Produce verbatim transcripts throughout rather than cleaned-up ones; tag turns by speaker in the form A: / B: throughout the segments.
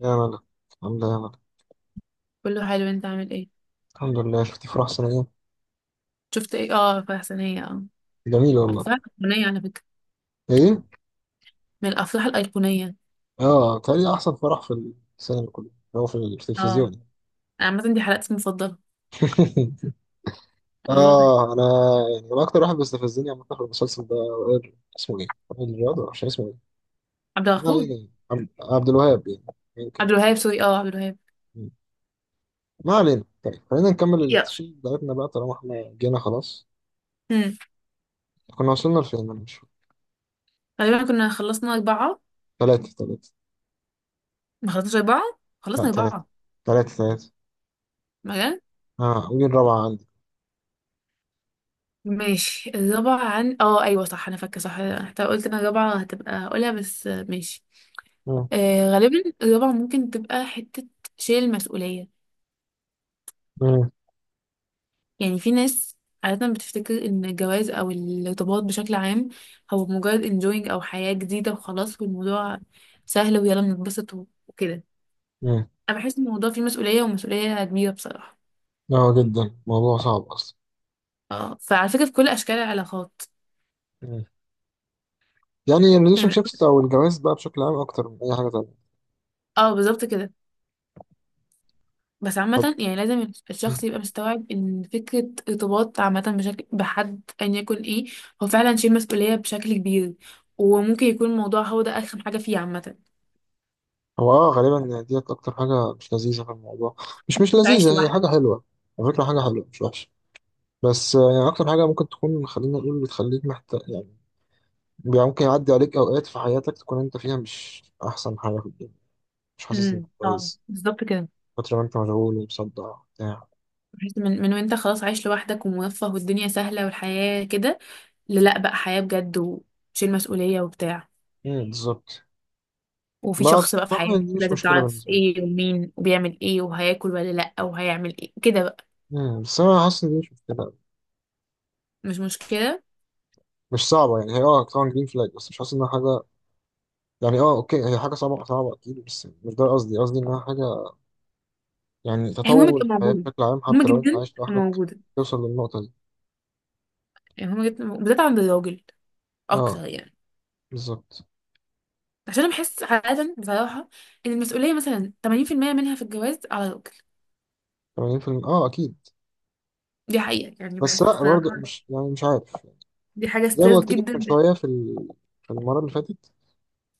A: يا ملك. الحمد لله يا ملك.
B: كله حلو، انت عامل ايه؟
A: الحمد لله، شفتي فرح سنة ايه؟
B: شفت ايه؟ اه افراح سنية. اه،
A: جميل والله.
B: افراح ايقونية على فكرة،
A: ايه؟
B: من الافراح الايقونية.
A: اه، تاني احسن فرح في السينما، كله هو في
B: اه،
A: التلفزيون.
B: انا عامة دي حلقتي المفضلة والله.
A: اه انا. يعني هو اكتر واحد بيستفزني عم في المسلسل ده وائل- اسمه ايه؟ وائل رياض، مش اسمه ايه؟
B: عبد
A: ما
B: الغفور.
A: علينا يعني. عبد عبد الوهاب يعني، يمكن.
B: عبد الوهاب سوري، اه عبد الوهاب.
A: مم. ما علينا. طيب خلينا نكمل
B: يلا.
A: التشيل بتاعتنا بقى طالما احنا جينا خلاص.
B: امم
A: كنا وصلنا لفين؟ انا مش فاكر.
B: غالبا كنا خلصنا اربعة.
A: ثلاثة ثلاثة.
B: ما خلصناش اربعة،
A: لا
B: خلصنا
A: ثلاثة
B: اربعة.
A: ثلاثة ثلاثة.
B: مجال.
A: اه، ودي الرابعة عندي.
B: ماشي الرابعة عن اه ايوه صح، انا فاكرة صح. حتى قلت انا الرابعة هتبقى اقولها، بس آه، ماشي.
A: مم.
B: آه غالبا الرابعة ممكن تبقى حتة شيل المسؤولية.
A: مم.
B: يعني في ناس عادة بتفتكر إن الجواز أو الارتباط بشكل عام هو مجرد enjoying أو حياة جديدة وخلاص، والموضوع سهل ويلا بنتبسط و- وكده.
A: مم.
B: أنا بحس إن الموضوع فيه مسؤولية، ومسؤولية كبيرة بصراحة.
A: اه جدا، موضوع صعب اصلا.
B: اه، فعلى فكرة في كل أشكال العلاقات.
A: مم. يعني
B: يعني
A: الريليشن
B: من
A: شيبس
B: أول-
A: او الجواز بقى بشكل عام اكتر من اي حاجه تانية.
B: اه بالظبط كده. بس
A: طب.
B: عامة يعني لازم
A: مم.
B: الشخص يبقى مستوعب إن فكرة ارتباط عامة بشكل بحد أيا يكن إيه، هو فعلا شيء مسؤولية بشكل كبير. وممكن يكون الموضوع هو ده أرخم حاجة فيه عامة.
A: هو اه غالبا يعني ديت اكتر حاجه مش لذيذه في الموضوع. مش مش
B: أنت مش
A: لذيذه،
B: عايش
A: هي حاجه
B: لوحدك.
A: حلوه. على فكره حاجه حلوه مش وحشه. بس آه، يعني اكتر حاجه ممكن تكون، خلينا نقول، بتخليك محتاج يعني. يعني ممكن يعدي عليك اوقات في حياتك تكون انت فيها مش احسن حاجه في الدنيا، مش حاسس انك
B: امم، اه
A: كويس،
B: بالظبط كده.
A: فتره ما انت مشغول ومصدع بتاع.
B: بحيث من من وانت خلاص عايش لوحدك وموفه والدنيا سهله والحياه كده، للا بقى حياه بجد وشيل مسؤوليه وبتاع.
A: مم. بالظبط.
B: وفي
A: ما
B: شخص بقى في
A: بصراحه
B: حياتك
A: دي مش
B: لازم
A: مشكله
B: تعرف
A: بالنسبه لي.
B: ايه ومين وبيعمل ايه وهياكل ولا لا وهيعمل ايه كده بقى.
A: مم، بس انا حاسس ان دي مش مشكله.
B: مش مشكله.
A: مش صعبة يعني. هي اه طبعا جرين فلاج، بس مش حاسس انها حاجة يعني. اه اوكي، هي حاجة صعبة صعبة اكيد، بس مش ده قصدي. قصدي انها حاجة يعني
B: هي مهمه
A: تطور
B: تبقى
A: الحياة
B: موجوده،
A: بشكل عام
B: مهمه
A: حتى لو انت
B: جدا
A: عايش
B: تبقى
A: لوحدك
B: موجوده.
A: توصل للنقطة دي.
B: يعني مهمه جدا بالذات عند الراجل
A: اه
B: اكتر يعني.
A: بالظبط.
B: عشان انا بحس عادة بصراحة ان المسؤولية مثلا ثمانين في المية منها في الجواز على الراجل.
A: ثمانين بالمية. اه اكيد.
B: دي حقيقة يعني
A: بس
B: بحس
A: لا،
B: الصراحة.
A: برضه مش يعني، مش عارف.
B: دي حاجة
A: زي ما
B: ستريس
A: قلت لك من
B: جدا.
A: شوية في ال- في المرة اللي فاتت،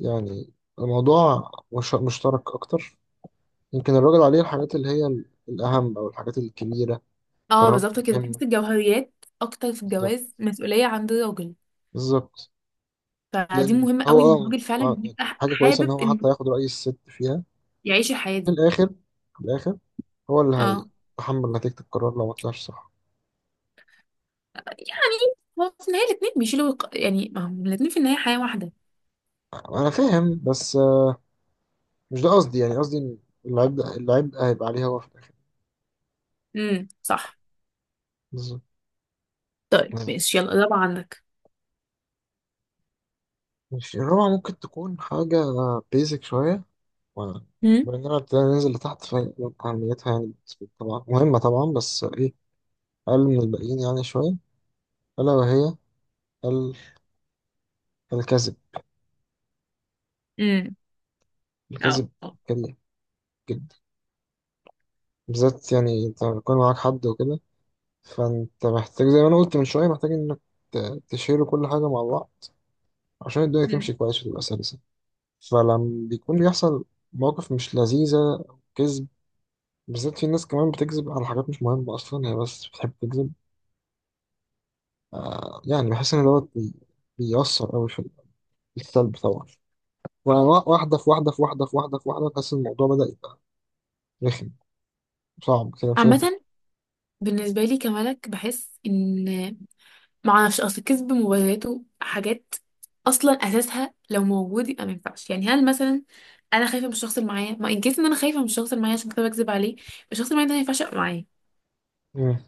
A: يعني الموضوع مش مشترك اكتر. يمكن الراجل عليه الحاجات اللي هي ال- الاهم او الحاجات الكبيرة.
B: اه
A: قرارات
B: بالظبط كده،
A: مهمة.
B: تحس الجوهريات اكتر في
A: بالظبط.
B: الجواز مسؤولية عند الراجل.
A: بالظبط.
B: فدي
A: لان
B: مهمة
A: هو
B: قوي ان
A: اه
B: الراجل
A: مع-
B: فعلا
A: يعني
B: يبقى ح-
A: حاجه كويسه ان
B: حابب
A: هو
B: انه
A: حتى ياخد راي الست فيها.
B: يعيش الحياة
A: في
B: دي.
A: الاخر، في الاخر هو اللي
B: اه
A: هيتحمل نتيجه القرار لو ما طلعش صح.
B: يعني هو في النهاية الاتنين بيشيلوا الق- يعني ما هم الاتنين في النهاية حياة واحدة.
A: انا فاهم، بس آه، مش ده قصدي. يعني قصدي ان العبء، العبء هيبقى عليه هو في الاخر.
B: امم صح.
A: بالظبط.
B: طيب ماشي، يلا الرابعة عندك.
A: ماشي، الرابعه ممكن تكون حاجه بيزك شويه و-
B: امم.
A: باننا ابتدينا ننزل لتحت، فأهميتها يعني بالنسبة لي طبعا مهمة طبعا، بس إيه، أقل من الباقيين يعني شوية. ألا وهي ال- الكذب.
B: امم اه
A: الكذب
B: آه.
A: كبير جدا، بالذات يعني انت بيكون معاك حد وكده. فانت محتاج زي ما انا قلت من شويه، محتاج انك ت- تشيلوا كل حاجه مع بعض عشان الدنيا
B: مم.
A: تمشي كويس وتبقى سلسه. فلما بيكون بيحصل مواقف مش لذيذه او كذب، بالذات في ناس كمان بتكذب على حاجات مش مهمه اصلا، هي بس بتحب تكذب. يعني بحس ان دوت بي- بيأثر قوي في السلب طبعا. وأنا واحده في واحده في واحده في واحده في واحده، تحس إن الموضوع بدأ يبقى رخم، صعب كده مش قادر تت-
B: عامة بالنسبة لي كملك بحس ان معرفش، اصل كذب مبرراته حاجات اصلا اساسها لو موجود يبقى ما ينفعش. يعني هل مثلا انا خايفه من الشخص اللي معايا؟ ما ان كيس ان انا خايفه من الشخص اللي معايا عشان كده بكذب عليه، الشخص اللي معايا ده ما ينفعش يبقى معايا.
A: مم.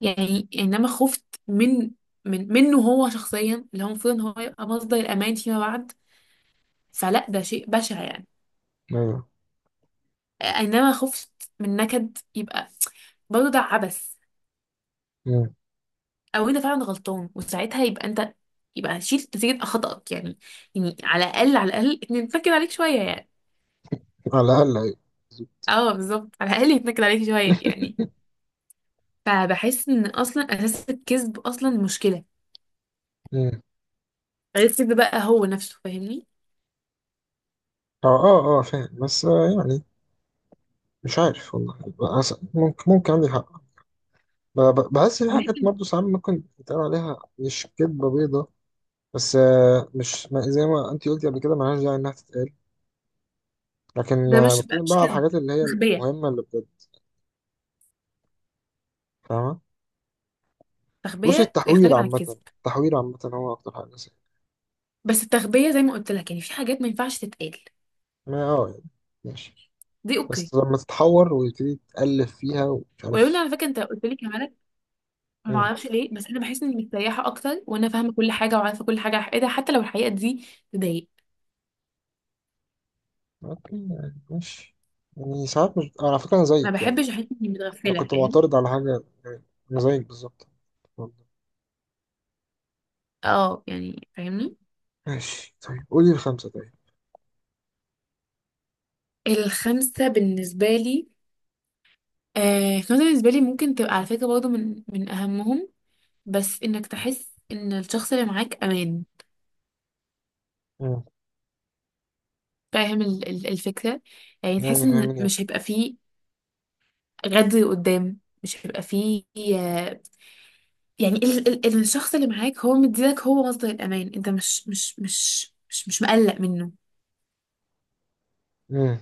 B: يعني انما خفت من من منه هو شخصيا اللي هو المفروض ان هو يبقى مصدر الامان فيما بعد، فلا ده شيء بشع يعني.
A: ايوه.
B: انما خفت من نكد يبقى، برضه ده عبث.
A: مم.
B: او انت فعلا غلطان وساعتها يبقى انت يبقى شيل نتيجة خطأك يعني. يعني على الأقل على الأقل يتنكد عليك شوية يعني.
A: على الاقل ايوه.
B: اه بالظبط، على الأقل يتنكد عليك شوية يعني. فبحس ان اصلا اساس الكذب اصلا مشكلة،
A: مم.
B: غير الكذب بقى هو نفسه، فاهمني؟
A: اه اه اه فاهم، بس آه يعني مش عارف والله. بس- ممكن ممكن عندي حق. ب- ب- بحس في حاجات
B: ماشي.
A: برضه ساعات ممكن يتقال عليها مش كدبة بيضة. بس آه مش، ما زي ما انت قلتي قبل كده ملهاش داعي انها تتقال. لكن
B: ده
A: آه
B: مش ده
A: بتكلم بقى
B: مش
A: على
B: كذب،
A: الحاجات اللي هي
B: تخبية.
A: المهمة اللي بجد. فاهمة. بصي،
B: تخبية
A: التحوير
B: يختلف عن
A: عامة،
B: الكذب.
A: التحوير عامة هو أكتر حاجة سيئة.
B: بس التخبية زي ما قلت لك، يعني في حاجات ما ينفعش تتقال،
A: ما اه يعني ماشي.
B: دي اوكي.
A: بس لما تتحور ويبتدي تألف فيها ومش
B: ولو ان
A: عارف.
B: على فكرة انت قلت لي كمان، ما
A: مم.
B: اعرفش ليه بس انا بحس اني مستريحه اكتر وانا فاهمه كل حاجه وعارفه كل حاجه على حقيقتها حتى لو الحقيقه دي تضايق.
A: اوكي يعني ماشي. يعني ساعات مش، على فكرة أنا
B: ما
A: زيك يعني.
B: بحبش احس اني
A: انا
B: متغفله،
A: كنت
B: فاهم؟
A: معترض على حاجه يعني، انا زيك بالظبط، والله.
B: اه يعني فاهمني.
A: ماشي طيب، قولي الخمسه طيب.
B: الخمسه بالنسبه لي، آه الخمسه بالنسبه لي ممكن تبقى على فكره برضه من من اهمهم، بس انك تحس ان الشخص اللي معاك امان.
A: مم.
B: فاهم ال- ال- الفكره؟ يعني تحس
A: يعني
B: ان
A: فاهمني.
B: مش هيبقى فيه غدر قدام، مش هيبقى فيه آه، يعني ال ال ال- الشخص اللي معاك هو مديلك، هو مصدر الأمان، انت مش مش مش مش مش مقلق منه.
A: امم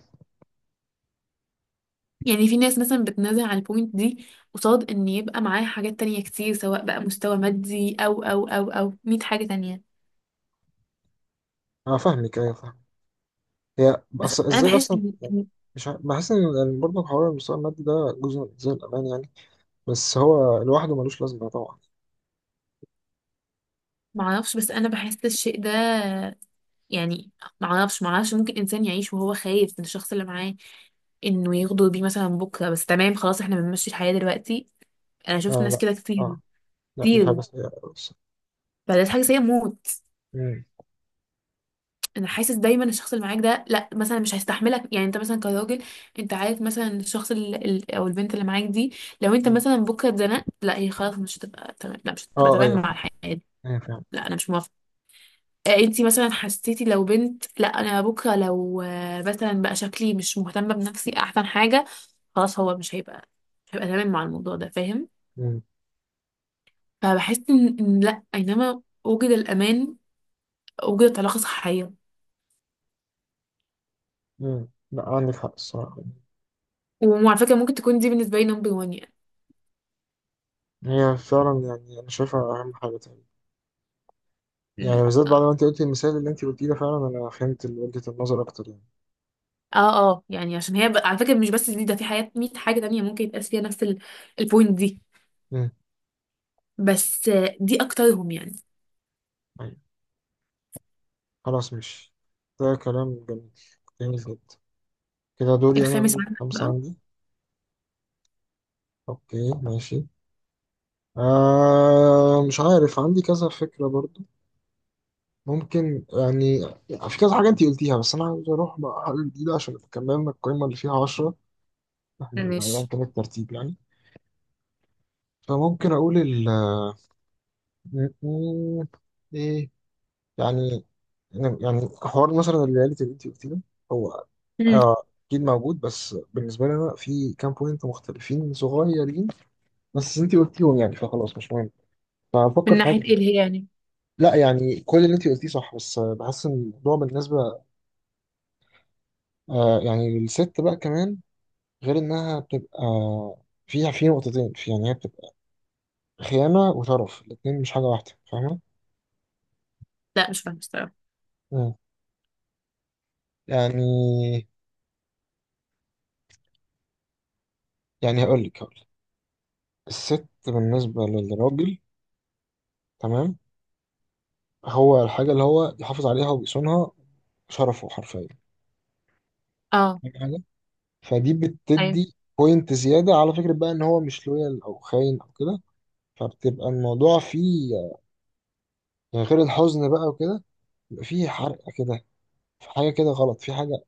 B: يعني في ناس مثلا بتنازل على البوينت دي قصاد ان يبقى معاه حاجات تانية كتير، سواء بقى مستوى مادي او او او او مية حاجة تانية.
A: انا فاهمك، ايوه فاهم. هي
B: بس
A: بس
B: انا
A: ازاي
B: بحس
A: اصلا
B: ان
A: يعني،
B: إن-
A: مش عارف- بحس ان إن برضه حوار المستوى المادي ده جزء من زي الامان يعني، بس هو لوحده ملوش لازمه طبعا.
B: معرفش، بس انا بحس الشيء ده يعني. معرفش، معرفش ممكن انسان يعيش وهو خايف من الشخص اللي معاه انه يغدر بيه مثلا بكرة، بس تمام خلاص احنا بنمشي الحياة دلوقتي. انا شفت
A: آه
B: ناس
A: لا.
B: كده كتير،
A: اه. لا دي
B: كتير.
A: حاجه سيئه أوي بس.
B: فده حاجة سيئة موت.
A: مم.
B: انا حاسس دايما الشخص اللي معاك ده لا مثلا مش هيستحملك. يعني انت مثلا كراجل، انت عارف مثلا الشخص ال- ال- او البنت اللي معاك دي، لو انت
A: مم.
B: مثلا بكره اتزنقت، لا هي خلاص مش هتبقى تمام، لا مش هتبقى
A: اه
B: تمام
A: ايوه
B: مع
A: فاهم.
B: الحياه.
A: ايوه فاهم.
B: لا انا مش موافقه. آه، انتي مثلا حسيتي لو بنت، لا انا بكره لو آه، مثلا بقى شكلي مش مهتمه بنفسي احسن حاجه، خلاص هو مش هيبقى، مش هيبقى تمام مع الموضوع ده، فاهم؟
A: مم.
B: فبحس ان إن لا، اينما وجد الامان وجدت علاقه صحيه.
A: مم. لا عندك حق الصراحه.
B: وعلى فكره ممكن تكون دي بالنسبه لي نمبر واحد
A: هي فعلا يعني انا شايفها اهم حاجه تاني. يعني
B: يعني.
A: بالذات بعد ما انت قلتي المثال اللي انت قلتيه ده، فعلا انا فهمت وجهة النظر اكتر يعني.
B: اه اه يعني عشان هي ب... على فكرة مش بس دي، ده في حاجات مية حاجة تانية ممكن يتقاس فيها نفس ال... البوينت دي.
A: مم.
B: بس آه، دي أكترهم يعني.
A: طيب. خلاص مش، ده كلام جميل، جميل جدا. كده دوري انا
B: الخامس
A: اقول
B: عندك
A: خمسة
B: بقى.
A: عندي. اوكي ماشي. آه مش عارف، عندي كذا فكرة برضو، ممكن يعني. في كذا حاجة انت قلتيها، بس انا عاوز اروح بقى حاجة جديدة عشان كملنا القائمة اللي فيها عشرة. احنا ايا
B: ماشي.
A: كان الترتيب يعني. فممكن اقول ال م- م- ايه يعني. يعني حوار مثلا الرياليتي اللي انت قلتيه ده، هو
B: مم.
A: آه، اكيد موجود، بس بالنسبه لي انا في كام بوينت مختلفين صغيرين بس انت قلتيهم، يعني فخلاص مش مهم.
B: من
A: فهفكر في حاجه
B: ناحية ايه اللي
A: جديدة.
B: هي يعني؟
A: لا يعني كل اللي انت قلتيه صح، بس آه، بحس ان الموضوع بالنسبه آه يعني للست بقى كمان، غير انها بتبقى فيها في نقطتين، في يعني هي بتبقى خيانه وشرف، الاتنين مش حاجه واحده، فاهمه؟
B: لا مش فاهمة الصراحة.
A: مم. يعني، يعني هقول لك هقول لك، الست بالنسبه للراجل تمام هو الحاجة اللي هو يحافظ عليها ويصونها، شرفه حرفيا.
B: اه
A: فاهم حاجة؟ فدي
B: ايوه.
A: بتدي بوينت زيادة على فكرة بقى إن هو مش لويال أو خاين أو كده. فبتبقى الموضوع فيه يعني غير الحزن بقى وكده، بيبقى فيه حرقة كده. في حاجة كده غلط، في حاجة،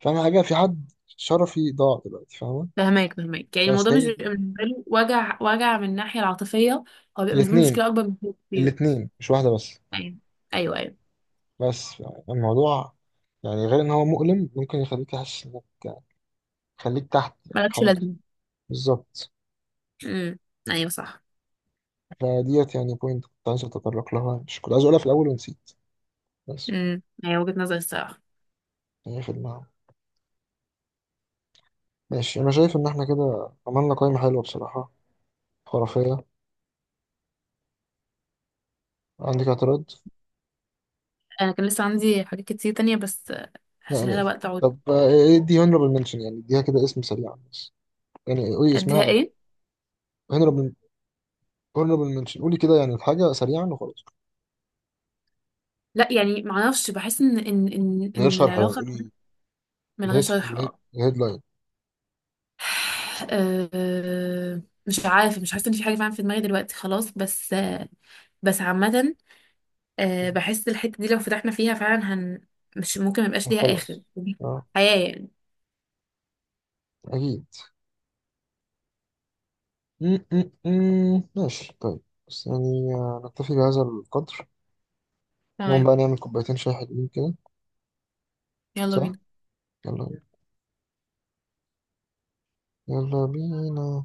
A: فاهم حاجة؟ في حد شرفي ضاع دلوقتي، فاهمة؟
B: فهماك، فهماك. يعني
A: بس
B: الموضوع مش
A: هي
B: بيبقى
A: دي
B: بالنسبة له وجع، وجع من الناحية العاطفية. هو بيبقى بالنسبة له
A: الاتنين،
B: مشكلة أكبر من كده كتير.
A: الاتنين مش واحدة بس.
B: أيوه. أيوه أيوه.
A: بس يعني الموضوع يعني غير إن هو مؤلم، ممكن يخليك تحس إنك يعني، يخليك تحت يعني
B: مالكش
A: خالص.
B: لازمة.
A: بالظبط.
B: امم. أيوه صح.
A: فديت يعني بوينت كنت عايز اتطرق لها، مش كنت عايز اقولها في الاول ونسيت بس،
B: امم أيوه، وجهة نظري الصراحة.
A: يعني هي في دماغي. ماشي، انا شايف ان احنا كده عملنا قائمة حلوة بصراحة، خرافية. عندك اعتراض؟
B: أنا كان لسه عندي حاجات كتير تانية بس آه،
A: لا
B: هشيلها لها
A: ليه.
B: وقت أقعد.
A: طب آه، ايه دي honorable mention؟ يعني اديها كده اسم سريعا بس، يعني قولي
B: أديها
A: اسمها او
B: إيه؟
A: honorable، honorable mention قولي كده، يعني الحاجة سريعا وخلاص.
B: لا يعني معرفش، بحس ان ان ان
A: من غير
B: ان
A: شرح، يعني
B: العلاقه.
A: قولي
B: من غير
A: الهيد
B: شرح،
A: الهيد
B: اه.
A: الهيدلاين.
B: آه، مش عارفه، مش حاسه ان في حاجه فعلا في دماغي دلوقتي خلاص، بس آه، بس عامه آه، بحس الحته دي لو فتحنا فيها فعلا هن، مش ممكن ميبقاش ليها
A: خلاص.
B: اخر،
A: اه
B: حياه يعني.
A: اكيد. م- م- م. ماشي طيب. بس يعني آه، نكتفي بهذا القدر. نقوم
B: تمام.
A: بقى نعمل كوبايتين شاي حلوين كده.
B: يلا
A: صح.
B: بينا.
A: يلا بينا. يلا بينا